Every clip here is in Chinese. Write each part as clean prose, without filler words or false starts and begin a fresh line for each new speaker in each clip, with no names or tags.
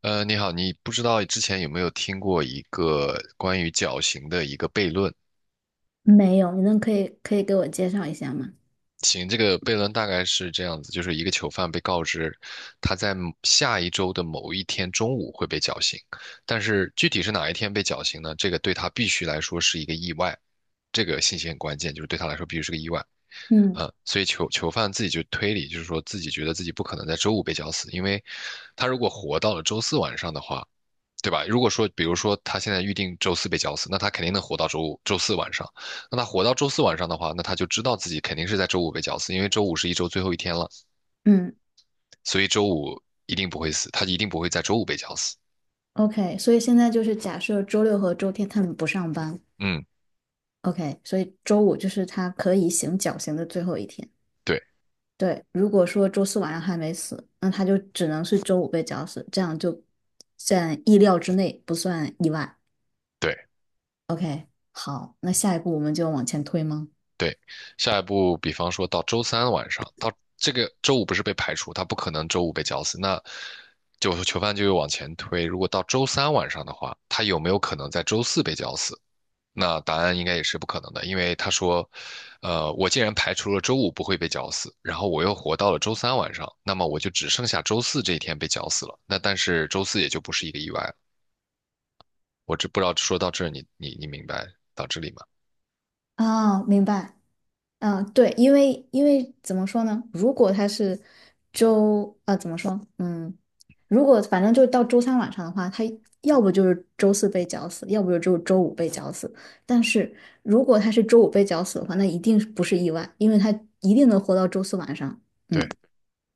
你好，你不知道之前有没有听过一个关于绞刑的一个悖论？
没有，你能可以给我介绍一下吗？
行，这个悖论大概是这样子，就是一个囚犯被告知他在某下一周的某一天中午会被绞刑，但是具体是哪一天被绞刑呢？这个对他必须来说是一个意外，这个信息很关键，就是对他来说必须是个意外。
嗯
所以囚犯自己就推理，就是说自己觉得自己不可能在周五被绞死，因为他如果活到了周四晚上的话。对吧？如果说，比如说他现在预定周四被绞死，那他肯定能活到周五、周四晚上。那他活到周四晚上的话，那他就知道自己肯定是在周五被绞死，因为周五是一周最后一天了，
嗯
所以周五一定不会死，他一定不会在周五被绞死。
，OK，所以现在就是假设周六和周天他们不上班
嗯，
，OK，所以周五就是他可以行绞刑的最后一天。
对
对，如果说周四晚上还没死，那他就只能是周五被绞死，这样就在意料之内，不算意外。
对
OK，好，那下一步我们就往前推吗？
对。下一步，比方说到周三晚上，到这个周五不是被排除，他不可能周五被绞死，那就囚犯就又往前推。如果到周三晚上的话，他有没有可能在周四被绞死？那答案应该也是不可能的，因为他说，我既然排除了周五不会被绞死，然后我又活到了周三晚上，那么我就只剩下周四这一天被绞死了。那但是周四也就不是一个意外了。我这不知道说到这儿你明白到这里吗？
哦，明白。嗯，对，因为怎么说呢？如果他是周，呃，怎么说？嗯，如果反正就到周三晚上的话，他要不就是周四被绞死，要不就只有周五被绞死。但是如果他是周五被绞死的话，那一定是不是意外，因为他一定能活到周四晚上。嗯，
对，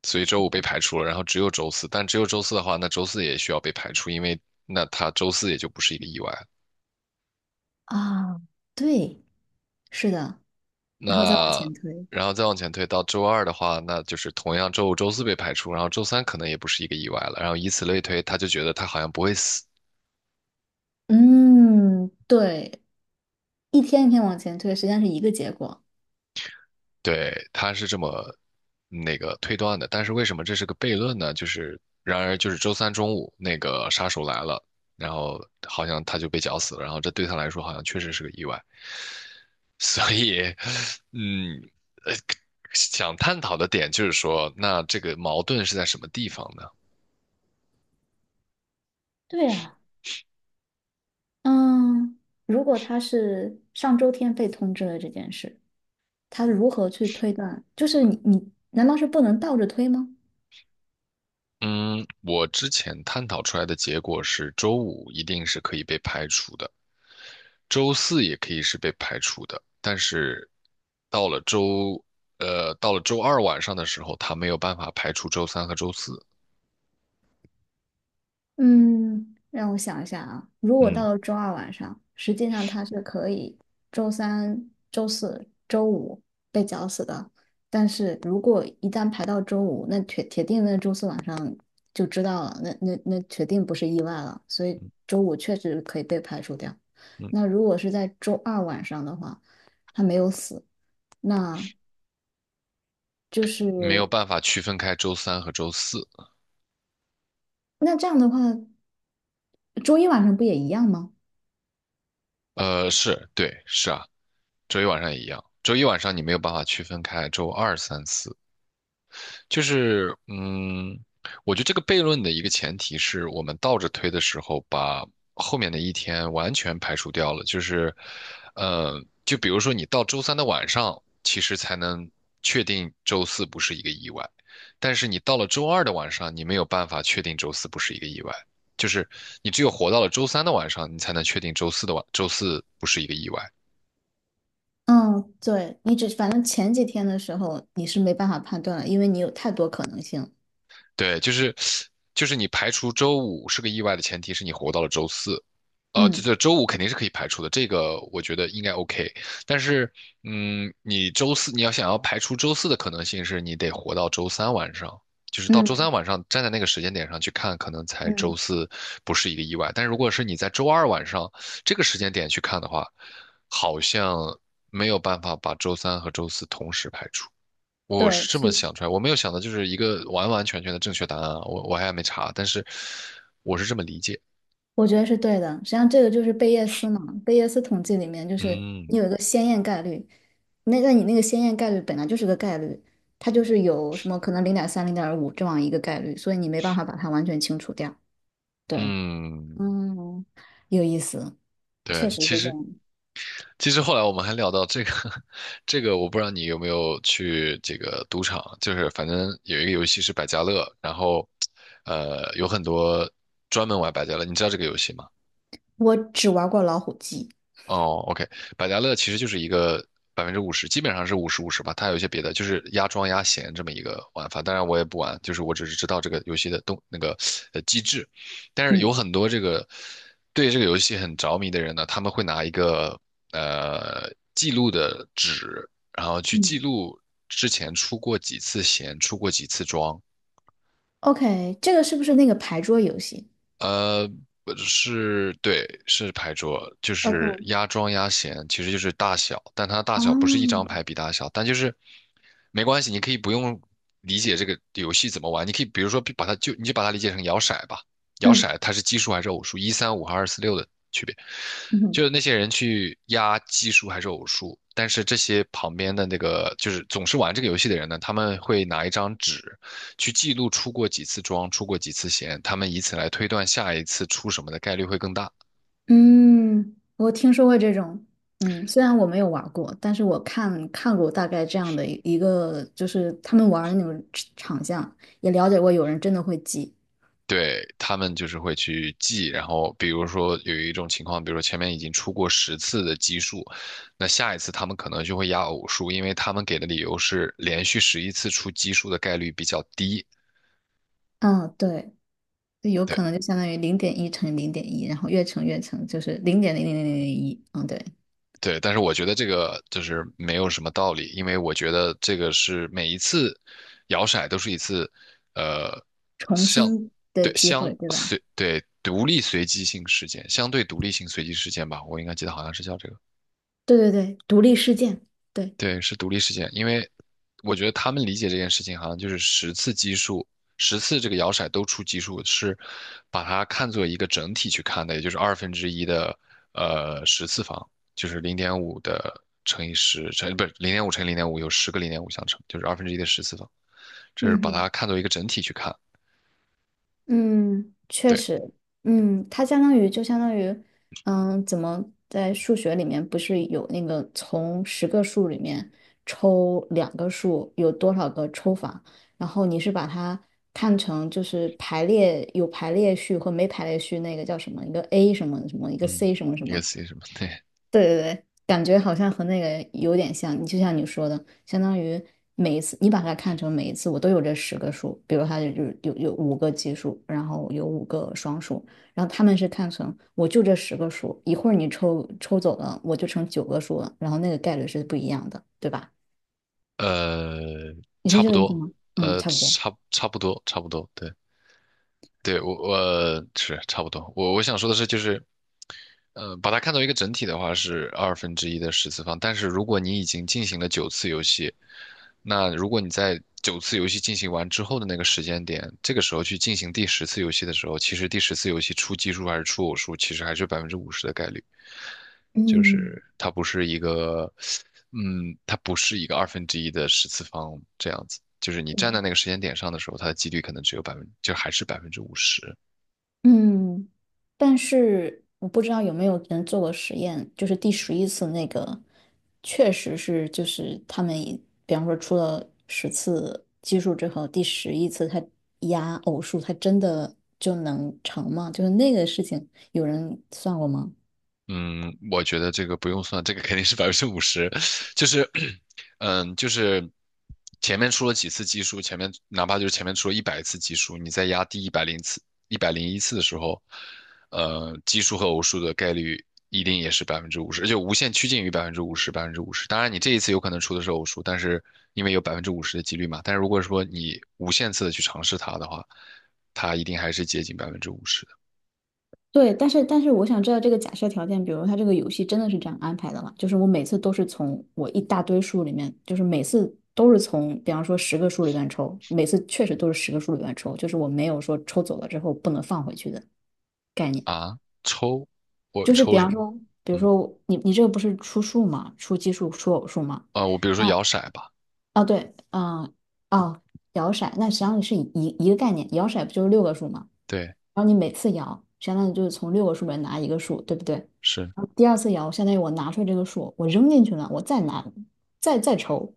所以周五被排除了，然后只有周四，但只有周四的话，那周四也需要被排除，因为那他周四也就不是一个意外了。
啊，对，是的，然后再往
那
前推。
然后再往前推到周二的话，那就是同样周五、周四被排除，然后周三可能也不是一个意外了，然后以此类推，他就觉得他好像不会死。
嗯，对，一天一天往前推，实际上是一个结果。
对，他是这么那个推断的。但是为什么这是个悖论呢？就是然而就是周三中午那个杀手来了，然后好像他就被绞死了，然后这对他来说好像确实是个意外。所以，嗯，呃想探讨的点就是说，那这个矛盾是在什么地方呢？
对啊。嗯，如果他是上周天被通知了这件事，他如何去推断？就是你难道是不能倒着推吗？
嗯，我之前探讨出来的结果是，周五一定是可以被排除的，周四也可以是被排除的，但是到了周，到了周二晚上的时候，他没有办法排除周三和周四，
嗯，让我想一下啊，如果
嗯
到了周二晚上，实际上他是可以周三、周四、周五被绞死的，但是如果一旦排到周五，那铁定那周四晚上就知道了，那铁定不是意外了，所以周五确实可以被排除掉。
嗯，
那如果是在周二晚上的话，他没有死，那就
没有
是
办法区分开周三和周四，
那这样的话，周一晚上不也一样吗？
是，对，是啊，周一晚上也一样，周一晚上你没有办法区分开周二、三、四。就是我觉得这个悖论的一个前提是我们倒着推的时候，把后面的一天完全排除掉了。就是，呃，就比如说你到周三的晚上，其实才能确定周四不是一个意外，但是你到了周二的晚上，你没有办法确定周四不是一个意外。就是你只有活到了周三的晚上，你才能确定周四不是一个意外。
嗯，对，你只反正前几天的时候你是没办法判断了，因为你有太多可能性。
对，就是你排除周五是个意外的前提是你活到了周四，这
嗯
这周五肯定是可以排除的，这个我觉得应该 OK。但是，你周四你要想要排除周四的可能性是你得活到周三晚上，就是到周三
嗯
晚上站在那个时间点上去看，可能才周
嗯，
四不是一个意外。但如果是你在周二晚上这个时间点去看的话，好像没有办法把周三和周四同时排除。我
对，
是这么
是，
想出来，我没有想到就是一个完完全全的正确答案啊，我还没查，但是我是这么理解。
我觉得是对的。实际上，这个就是贝叶斯嘛，贝叶斯统计里面就是
嗯
你有一个先验概率，那你那个先验概率本来就是个概率，它就是有什么可能0.3、0.5这样一个概率，所以你没办法把它完全清除掉。对，
嗯，
嗯，有意思，确
对，
实
其
是这
实
样。
其实后来我们还聊到这个，这个我不知道你有没有去这个赌场，就是反正有一个游戏是百家乐，然后有很多专门玩百家乐，你知道这个游戏吗？
我只玩过老虎机。
哦，OK，百家乐其实就是一个百分之五十，基本上是五十五十吧。它有一些别的，就是压庄压闲这么一个玩法。当然我也不玩，就是我只是知道这个游戏的动那个呃机制。但是有
嗯
很多这个对这个游戏很着迷的人呢，他们会拿一个记录的纸，然后去
嗯。
记录之前出过几次闲，出过几次庄，
OK,这个是不是那个牌桌游戏？
呃，不是，对，是牌桌，就是
OK,
压庄压闲，其实就是大小，但它大小不是一张
哦，
牌比大小，但就是没关系，你可以不用理解这个游戏怎么玩，你可以比如说把它就你就把它理解成摇骰吧，摇
嗯
骰它是奇数还是偶数，一三五和二四六的区别，就
嗯
是那些人去压奇数还是偶数，但是这些旁边的那个就是总是玩这个游戏的人呢，他们会拿一张纸去记录出过几次庄，出过几次闲，他们以此来推断下一次出什么的概率会更大。
嗯，我听说过这种。嗯，虽然我没有玩过，但是我看过大概这样的一个，就是他们玩的那种场像，也了解过有人真的会记。
对，他们就是会去记，然后比如说有一种情况，比如说前面已经出过十次的奇数，那下一次他们可能就会压偶数，因为他们给的理由是连续11次出奇数的概率比较低。
嗯，对，就有
对，
可能就相当于零点一乘零点一，然后越乘，就是0.000001。嗯，对，
对，但是我觉得这个就是没有什么道理，因为我觉得这个是每一次摇骰都是一次，呃，
重
相
新的
对
机
相
会，对吧？
随对独立随机性事件，相对独立性随机事件吧，我应该记得好像是叫这个。
对对对，独立事件。对，
对，是独立事件，因为我觉得他们理解这件事情，好像就是十次基数，十次这个摇骰都出奇数，是把它看作一个整体去看的，也就是二分之一的十次方，就是零点五的乘以十乘，不是零点五乘以零点五有10个0.5相乘，就是二分之一的十次方，这是
嗯
把
哼。
它看作一个整体去看。
嗯，确
对，
实，嗯，它相当于就相当于，嗯，在数学里面不是有那个从十个数里面抽两个数有多少个抽法，然后你是把它看成就是排列有排列序和没排列序那个叫什么一个 A 什么什么一个
嗯，
C 什么什
一个
么，
C 什么？对，
对对对，感觉好像和那个有点像。你就像你说的，相当于每一次你把它看成每一次我都有这十个数，比如它就是有五个奇数，然后有五个双数，然后他们是看成我就这十个数，一会儿你抽走了，我就成9个数了，然后那个概率是不一样的，对吧？
呃，
你是
差
这
不
个意思
多，
吗？嗯，差不多。
差不多，差不多，对。对，我是差不多。我想说的是，就是把它看作一个整体的话是二分之一的十次方，但是如果你已经进行了九次游戏，那如果你在九次游戏进行完之后的那个时间点，这个时候去进行第十次游戏的时候，其实第十次游戏出奇数还是出偶数，其实还是百分之五十的概率，就是
嗯，
它不是一个，它不是一个二分之一的十次方这样子。就是你站在
对
那个时间点上的时候，它的几率可能只有百分，就还是百分之五十。
嗯，但是我不知道有没有人做过实验，就是第十一次那个，确实是就是他们以比方说出了10次奇数之后，第十一次他压偶数，他真的就能成吗？就是那个事情，有人算过吗？
嗯，我觉得这个不用算，这个肯定是百分之五十，就是，就是前面出了几次奇数，前面哪怕就是前面出了100次奇数，你再压第一百零次、第101次的时候，奇数和偶数的概率一定也是百分之五十，而且无限趋近于百分之五十、百分之五十。当然，你这一次有可能出的是偶数，但是因为有百分之五十的几率嘛，但是如果说你无限次的去尝试它的话，它一定还是接近百分之五十的。
对，但是我想知道这个假设条件，比如他这个游戏真的是这样安排的吗？就是我每次都是从我一大堆数里面，就是每次都是从，比方说十个数里面抽，每次确实都是十个数里面抽，就是我没有说抽走了之后不能放回去的概念。
啊。我
就是比
抽什
方
么？
说，比如
嗯。
说你这个不是出数嘛，出奇数、出偶数嘛，
我比如说
那
摇骰吧，
哦，对，嗯，哦，摇骰，那实际上是一个概念，摇骰不就是六个数吗？
对，
然后你每次摇，相当于就是从六个数里面拿一个数，对不对？
是，
然后第二次摇，相当于我拿出来这个数，我扔进去了，我再拿，再抽，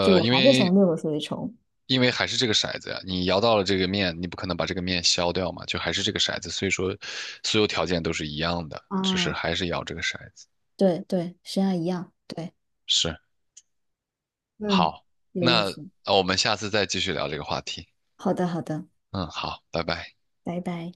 就我
因
还是
为
从六个数里抽。
因为还是这个骰子呀，你摇到了这个面，你不可能把这个面消掉嘛，就还是这个骰子，所以说所有条件都是一样的，只是
啊，
还是摇这个骰子。
对对，实际上一样，对，
是，
嗯。
好，
有意
那
思。
我们下次再继续聊这个话题。
好的，好的，
嗯，好，拜拜。
拜拜。